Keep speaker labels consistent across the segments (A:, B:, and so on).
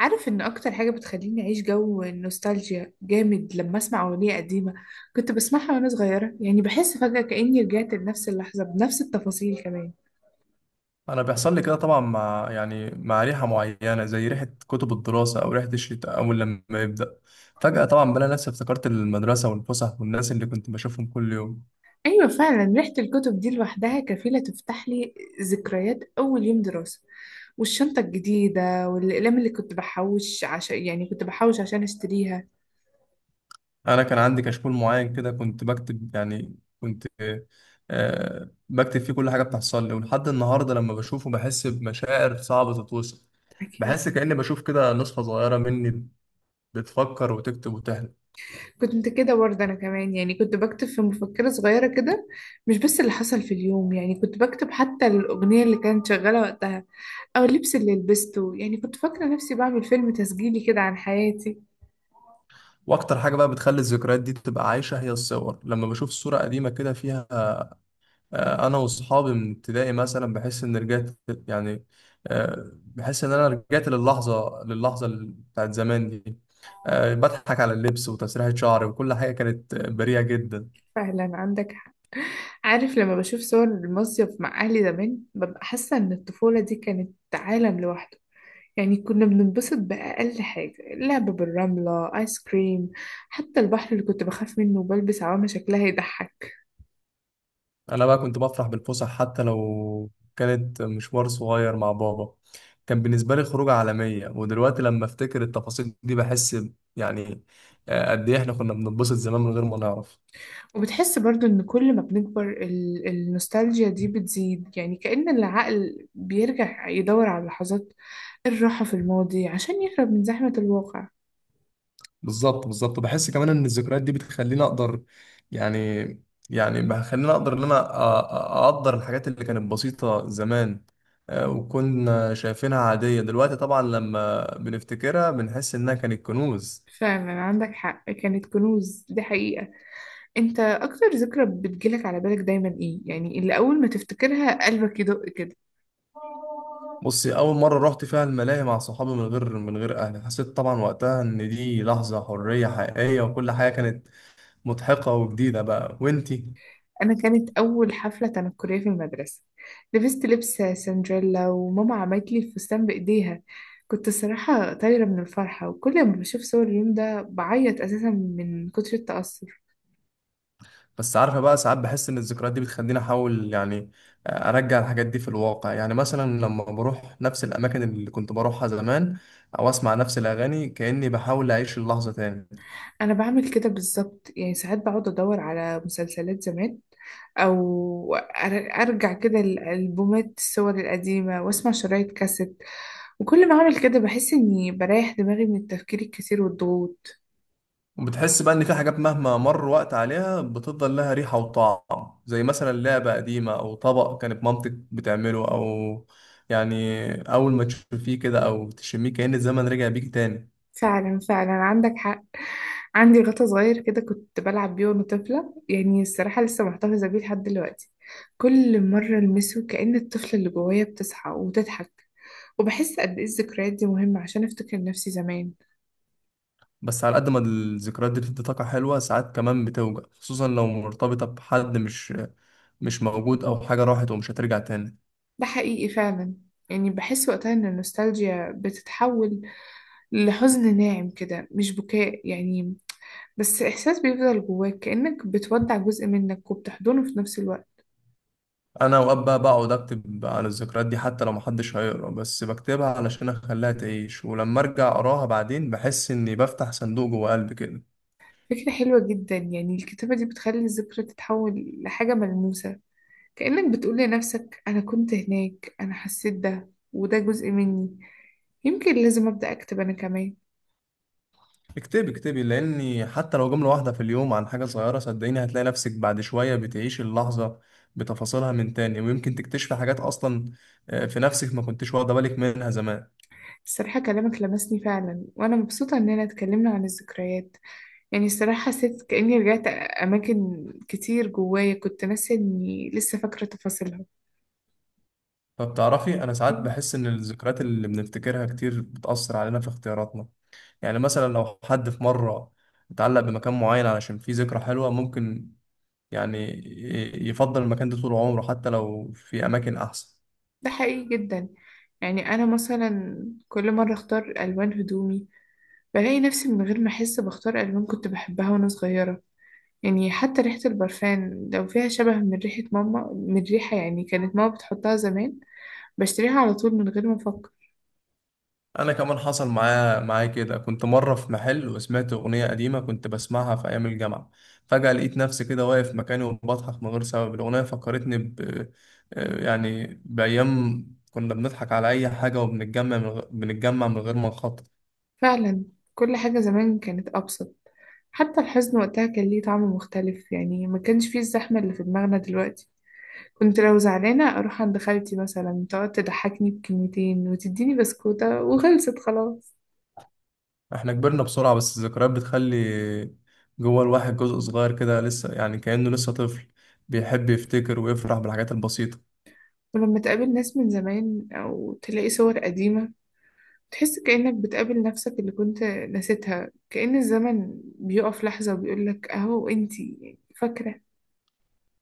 A: عارف ان اكتر حاجة بتخليني اعيش جو النوستالجيا جامد لما اسمع اغنية قديمة كنت بسمعها وانا صغيرة، يعني بحس فجأة كأني رجعت لنفس اللحظة بنفس التفاصيل كمان.
B: انا بيحصل لي كده طبعا مع مع ريحه معينه زي ريحه كتب الدراسه او ريحه الشتاء اول لما يبدا فجاه طبعا بلاقي نفسي افتكرت المدرسه والفسح والناس اللي كنت بشوفهم كل يوم.
A: ايوه فعلا، ريحة الكتب دي لوحدها كفيلة تفتح لي ذكريات اول يوم دراسة، والشنطة الجديدة والأقلام اللي كنت بحوش عشان اشتريها.
B: انا كان عندي كشكول معين كده كنت بكتب يعني كنت آه بكتب فيه كل حاجه بتحصل لي ولحد النهارده لما بشوفه بحس بمشاعر صعبه تتوصف.
A: أكيد.
B: بحس كاني بشوف كده نسخه صغيره مني بتفكر وتكتب وتحلم.
A: كنت كده برضه أنا كمان، يعني كنت بكتب في مفكرة صغيرة كده، مش بس اللي حصل في اليوم، يعني كنت بكتب حتى الأغنية اللي كانت شغالة وقتها أو اللبس اللي لبسته. يعني كنت فاكرة نفسي بعمل فيلم تسجيلي كده عن حياتي.
B: واكتر حاجه بقى بتخلي الذكريات دي تبقى عايشه هي الصور، لما بشوف صوره قديمه كده فيها انا واصحابي من ابتدائي مثلا بحس ان رجعت، يعني بحس ان انا رجعت للحظه بتاعت زمان دي. بضحك على اللبس وتسريحه شعري وكل حاجه كانت بريئه جدا.
A: فعلا عندك حق. عارف لما بشوف صور المصيف مع أهلي زمان ببقى حاسة إن الطفولة دي كانت عالم لوحده. يعني كنا بننبسط بأقل حاجة، لعب بالرملة، آيس كريم، حتى البحر اللي كنت بخاف منه وبلبس عوامة شكلها يضحك.
B: انا بقى كنت بفرح بالفسح حتى لو كانت مشوار صغير مع بابا، كان بالنسبه لي خروجه عالميه، ودلوقتي لما افتكر التفاصيل دي بحس يعني قد ايه احنا كنا بنتبسط زمان من غير ما نعرف.
A: وبتحس برضو إن كل ما بنكبر النوستالجيا دي بتزيد، يعني كأن العقل بيرجع يدور على لحظات الراحة في الماضي عشان يهرب من زحمة الواقع.
B: بالظبط، بحس كمان ان الذكريات دي بتخليني اقدر، يعني يعني بخليني اقدر ان انا اقدر الحاجات اللي كانت بسيطة زمان. وكنا شايفينها عادية، دلوقتي طبعا لما بنفتكرها بنحس انها كانت كنوز.
A: فعلا عندك حق، كانت كنوز دي حقيقة. انت اكتر ذكرى بتجيلك على بالك دايما ايه، يعني اللي اول ما تفتكرها قلبك يدق كده؟
B: بصي، اول مرة رحت فيها الملاهي مع صحابي من غير اهلي حسيت طبعا وقتها ان دي لحظة حرية حقيقية وكل حاجة كانت مضحكة وجديدة بقى. وانتي؟
A: انا كانت اول حفلة تنكرية في المدرسة، لبست لبس سندريلا وماما عملت لي الفستان بايديها. كنت الصراحة طايرة من الفرحة، وكل ما بشوف صور اليوم ده بعيط اساسا من كتر التأثر.
B: بس عارفة بقى، ساعات بحس إن الذكريات دي بتخليني أحاول، يعني، أرجع الحاجات دي في الواقع. يعني مثلا لما بروح نفس الأماكن اللي كنت بروحها زمان أو أسمع نفس الأغاني كأني بحاول أعيش اللحظة تاني.
A: انا بعمل كده بالظبط، يعني ساعات بقعد ادور على مسلسلات زمان، او ارجع كده الالبومات الصور القديمه واسمع شرايط كاسيت، وكل ما اعمل كده بحس اني بريح دماغي من التفكير الكتير والضغوط.
B: وبتحس بقى إن في حاجات مهما مر وقت عليها بتفضل لها ريحة وطعم، زي مثلا لعبة قديمة أو طبق كانت مامتك بتعمله، أو يعني أول ما تشوفيه كده أو تشميه كأن الزمن رجع بيك تاني.
A: فعلا فعلا عندك حق. عندي غطا صغير كده كنت بلعب بيه وانا طفله، يعني الصراحه لسه محتفظه بيه لحد دلوقتي. كل مره المسه كأن الطفله اللي جوايا بتصحى وتضحك، وبحس قد ايه الذكريات دي مهمه عشان افتكر نفسي زمان.
B: بس على قد ما الذكريات دي بتدي طاقة حلوة، ساعات كمان بتوجع، خصوصا لو مرتبطة بحد مش موجود أو حاجة راحت ومش هترجع تاني.
A: ده حقيقي فعلا. يعني بحس وقتها إن النوستالجيا بتتحول لحزن ناعم كده، مش بكاء يعني، بس إحساس بيفضل جواك كأنك بتودع جزء منك وبتحضنه في نفس الوقت.
B: أنا أوقات بقى بقعد أكتب عن الذكريات دي حتى لو محدش هيقرا، بس بكتبها علشان أخليها تعيش، ولما أرجع أقراها بعدين بحس إني بفتح صندوق جوه قلبي كده.
A: فكرة حلوة جدا، يعني الكتابة دي بتخلي الذكرى تتحول لحاجة ملموسة، كأنك بتقول لنفسك أنا كنت هناك، أنا حسيت ده، وده جزء مني. يمكن لازم أبدأ أكتب أنا كمان.
B: اكتبي اكتبي، لأني حتى لو جملة واحدة في اليوم عن حاجة صغيرة، صدقيني هتلاقي نفسك بعد شوية بتعيشي اللحظة بتفاصيلها من تاني، ويمكن تكتشفي حاجات أصلا في نفسك ما كنتش واخدة بالك منها زمان.
A: الصراحة كلامك لمسني فعلا، وأنا مبسوطة إننا اتكلمنا عن الذكريات. يعني الصراحة حسيت كأني رجعت أماكن كتير جوايا كنت ناسية إني لسه فاكرة تفاصيلها.
B: طب تعرفي، أنا ساعات بحس إن الذكريات اللي بنفتكرها كتير بتأثر علينا في اختياراتنا. يعني مثلا لو حد في مرة اتعلق بمكان معين علشان فيه ذكرى حلوة، ممكن يعني يفضل المكان ده طول عمره حتى لو في أماكن أحسن.
A: ده حقيقي جدا. يعني أنا مثلا كل مرة أختار ألوان هدومي بلاقي نفسي من غير ما أحس بختار ألوان كنت بحبها وأنا صغيرة. يعني حتى ريحة البرفان لو فيها شبه من ريحة ماما، من ريحة يعني كانت ماما بتحطها زمان، بشتريها على طول من غير ما أفكر.
B: انا كمان حصل معايا كده، كنت مره في محل وسمعت اغنيه قديمه كنت بسمعها في ايام الجامعه، فجاه لقيت نفسي كده واقف مكاني وبضحك من غير سبب. الاغنيه فكرتني ب يعني بايام كنا بنضحك على اي حاجه وبنتجمع بنتجمع من غير ما نخطط.
A: فعلا. كل حاجة زمان كانت أبسط، حتى الحزن وقتها كان ليه طعم مختلف، يعني ما كانش فيه الزحمة اللي في دماغنا دلوقتي. كنت لو زعلانة أروح عند خالتي مثلا، تقعد تضحكني بكلمتين وتديني بسكوتة وخلصت خلاص.
B: احنا كبرنا بسرعه، بس الذكريات بتخلي جوه الواحد جزء صغير كده لسه، يعني كأنه لسه طفل بيحب يفتكر ويفرح بالحاجات البسيطه.
A: ولما تقابل ناس من زمان أو تلاقي صور قديمة، تحس كأنك بتقابل نفسك اللي كنت نسيتها، كأن الزمن بيقف لحظة وبيقولك أهو أنتي فاكرة.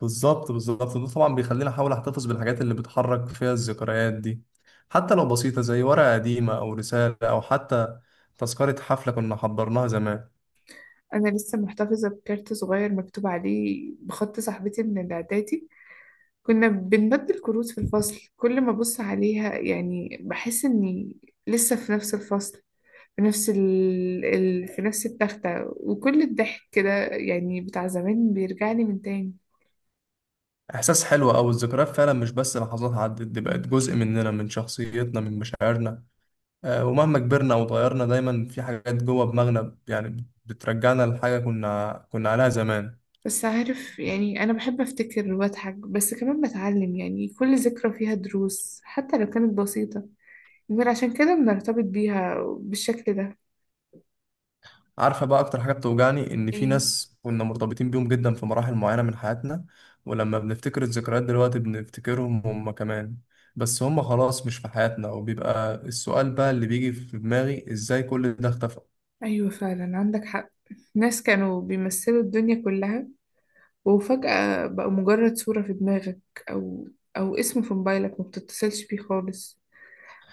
B: بالظبط، ده طبعا بيخليني احاول احتفظ بالحاجات اللي بتحرك فيها الذكريات دي، حتى لو بسيطة زي ورقة قديمة او رسالة او حتى تذكرة حفلة كنا حضرناها زمان.
A: أنا لسه محتفظة بكارت صغير مكتوب عليه بخط صاحبتي من الإعدادي، كنا بنبدل كروت في الفصل. كل ما أبص عليها يعني بحس إني لسه في نفس الفصل، في نفس في نفس التختة، وكل الضحك كده يعني بتاع زمان بيرجعني من تاني.
B: احساس حلو، او الذكريات فعلا مش بس لحظات عدت، دي بقت جزء مننا، من شخصيتنا، من مشاعرنا. ومهما كبرنا او اتغيرنا دايما في حاجات جوه دماغنا يعني بترجعنا لحاجة كنا عليها زمان.
A: بس عارف يعني أنا بحب أفتكر وأضحك بس كمان بتعلم، يعني كل ذكرى فيها دروس حتى لو كانت بسيطة، يمكن عشان كده بنرتبط بيها بالشكل ده.
B: عارفة بقى أكتر حاجة بتوجعني إن في
A: إيه؟
B: ناس كنا مرتبطين بيهم جدا في مراحل معينة من حياتنا، ولما بنفتكر الذكريات دلوقتي بنفتكرهم هم كمان، بس هم خلاص مش في حياتنا، وبيبقى السؤال بقى اللي بيجي في دماغي: إزاي كل ده اختفى؟
A: أيوة فعلا عندك حق. ناس كانوا بيمثلوا الدنيا كلها، وفجأة بقى مجرد صورة في دماغك، أو أو اسم في موبايلك ما بتتصلش بيه خالص.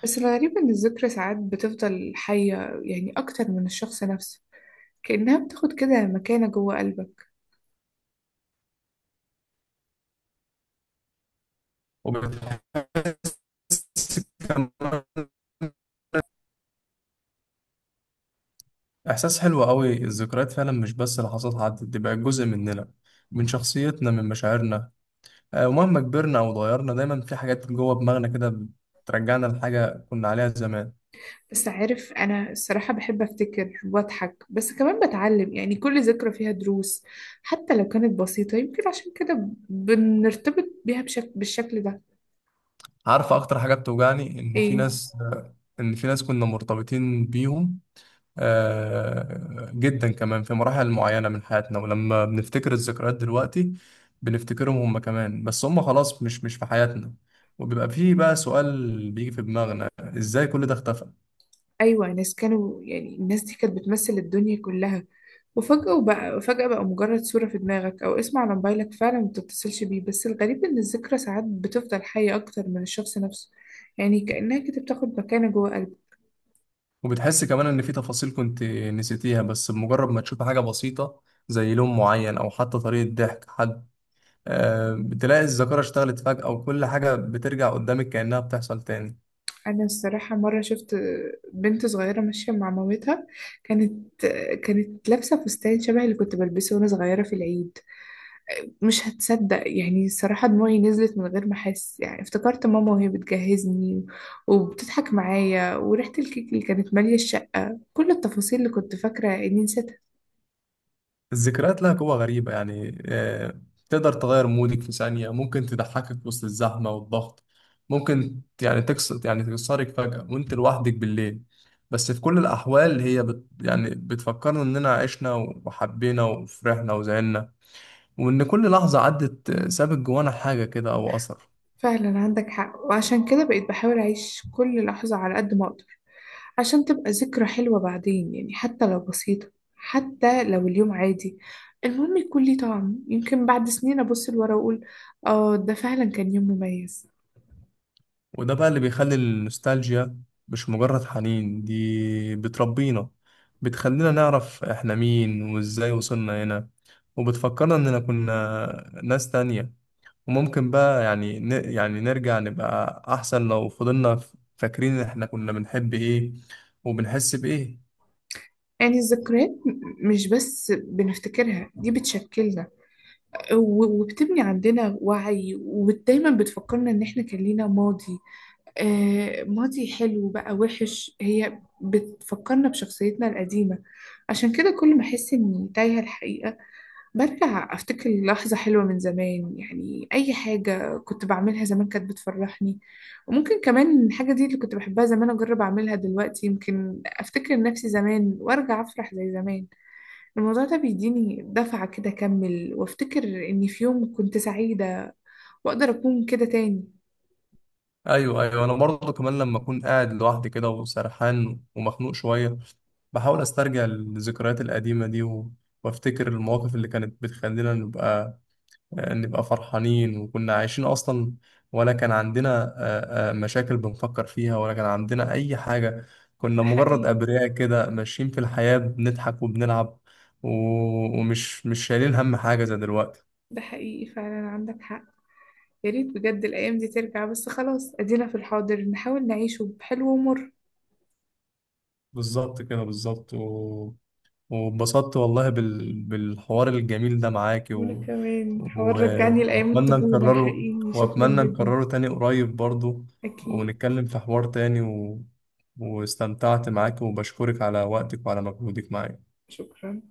A: بس الغريب إن الذكرى ساعات بتفضل حية، يعني أكتر من الشخص نفسه، كأنها بتاخد كده مكانة جوه قلبك.
B: وبتحس كمان إحساس حلو قوي، الذكريات فعلا مش بس لحظات عدت، دي بقت جزء مننا، من شخصيتنا، من مشاعرنا. ومهما كبرنا أو اتغيرنا دايما في حاجات جوه دماغنا كده بترجعنا لحاجة كنا عليها زمان.
A: بس عارف أنا الصراحة بحب أفتكر وأضحك بس كمان بتعلم، يعني كل ذكرى فيها دروس حتى لو كانت بسيطة، يمكن عشان كده بنرتبط بيها بالشكل ده.
B: عارف اكتر حاجه بتوجعني ان في
A: إيه؟
B: ناس، ان في ناس كنا مرتبطين بيهم جدا، كمان في مراحل معينه من حياتنا، ولما بنفتكر الذكريات دلوقتي بنفتكرهم هم كمان، بس هم خلاص مش في حياتنا، وبيبقى فيه بقى سؤال بيجي في دماغنا: ازاي كل ده اختفى؟
A: أيوة ناس كانوا، يعني الناس دي كانت بتمثل الدنيا كلها، وفجأة وبقى فجأة بقى مجرد صورة في دماغك أو اسم على موبايلك، فعلا ما بتتصلش بيه. بس الغريب إن الذكرى ساعات بتفضل حية أكتر من الشخص نفسه، يعني كأنها كده بتاخد مكانة جوه قلبك.
B: وبتحس كمان ان في تفاصيل كنت نسيتيها، بس بمجرد ما تشوف حاجه بسيطه زي لون معين او حتى طريقه ضحك حد بتلاقي الذاكره اشتغلت فجاه وكل حاجه بترجع قدامك كانها بتحصل تاني.
A: أنا الصراحة مرة شفت بنت صغيرة ماشية مع مامتها، كانت كانت لابسة فستان شبه اللي كنت بلبسه وأنا صغيرة في العيد. مش هتصدق يعني، الصراحة دموعي نزلت من غير ما أحس، يعني افتكرت ماما وهي بتجهزني وبتضحك معايا، وريحة الكيك اللي كانت مالية الشقة، كل التفاصيل اللي كنت فاكرة إني نسيتها.
B: الذكريات لها قوة غريبة، تقدر تغير مودك في ثانية، ممكن تضحكك وسط الزحمة والضغط، ممكن يعني تكسر يعني تكسرك فجأة وانت لوحدك بالليل. بس في كل الأحوال هي بت يعني بتفكرنا إننا عشنا وحبينا وفرحنا وزعلنا، وإن كل لحظة عدت سابت جوانا حاجة كده أو أثر.
A: فعلا عندك حق، وعشان كده بقيت بحاول أعيش كل لحظة على قد ما أقدر، عشان تبقى ذكرى حلوة بعدين، يعني حتى لو بسيطة، حتى لو اليوم عادي، المهم يكون ليه طعم. يمكن بعد سنين أبص لورا وأقول آه ده فعلا كان يوم مميز.
B: وده بقى اللي بيخلي النوستالجيا مش مجرد حنين، دي بتربينا، بتخلينا نعرف احنا مين وازاي وصلنا هنا، وبتفكرنا اننا كنا ناس تانية، وممكن بقى يعني نرجع نبقى احسن لو فضلنا فاكرين احنا كنا بنحب ايه وبنحس بايه.
A: يعني الذكريات مش بس بنفتكرها، دي بتشكلنا وبتبني عندنا وعي، ودايما بتفكرنا إن إحنا كان لينا ماضي، آه، ماضي حلو بقى وحش، هي بتفكرنا بشخصيتنا القديمة. عشان كده كل ما أحس إني تايهة الحقيقة برجع أفتكر لحظة حلوة من زمان، يعني أي حاجة كنت بعملها زمان كانت بتفرحني، وممكن كمان الحاجة دي اللي كنت بحبها زمان أجرب أعملها دلوقتي، يمكن أفتكر نفسي زمان وأرجع أفرح زي زمان. الموضوع ده بيديني دفعة كده أكمل وأفتكر إني في يوم كنت سعيدة، وأقدر أكون كده تاني.
B: ايوه ايوه، انا برضه كمان لما اكون قاعد لوحدي كده وسرحان ومخنوق شوية بحاول استرجع الذكريات القديمة دي وافتكر المواقف اللي كانت بتخلينا نبقى فرحانين، وكنا عايشين أصلا، ولا كان عندنا مشاكل بنفكر فيها، ولا كان عندنا أي حاجة، كنا
A: ده
B: مجرد
A: حقيقي.
B: أبرياء كده ماشيين في الحياة بنضحك وبنلعب و- ومش مش شايلين هم حاجة زي دلوقتي.
A: ده حقيقي فعلا عندك حق. يا ريت بجد الأيام دي ترجع، بس خلاص أدينا في الحاضر نحاول نعيشه بحلو ومر.
B: بالظبط كده بالظبط، واتبسطت والله بالحوار الجميل ده معاك،
A: وأنا كمان حوار
B: و...
A: رجعني لأيام
B: وأتمنى
A: الطفولة
B: نكرره
A: حقيقي، شكرا
B: وأتمنى
A: جدا.
B: نكرره تاني قريب برضو،
A: أكيد.
B: ونتكلم في حوار تاني، واستمتعت معاك وبشكرك على وقتك وعلى مجهودك معايا.
A: شكرا.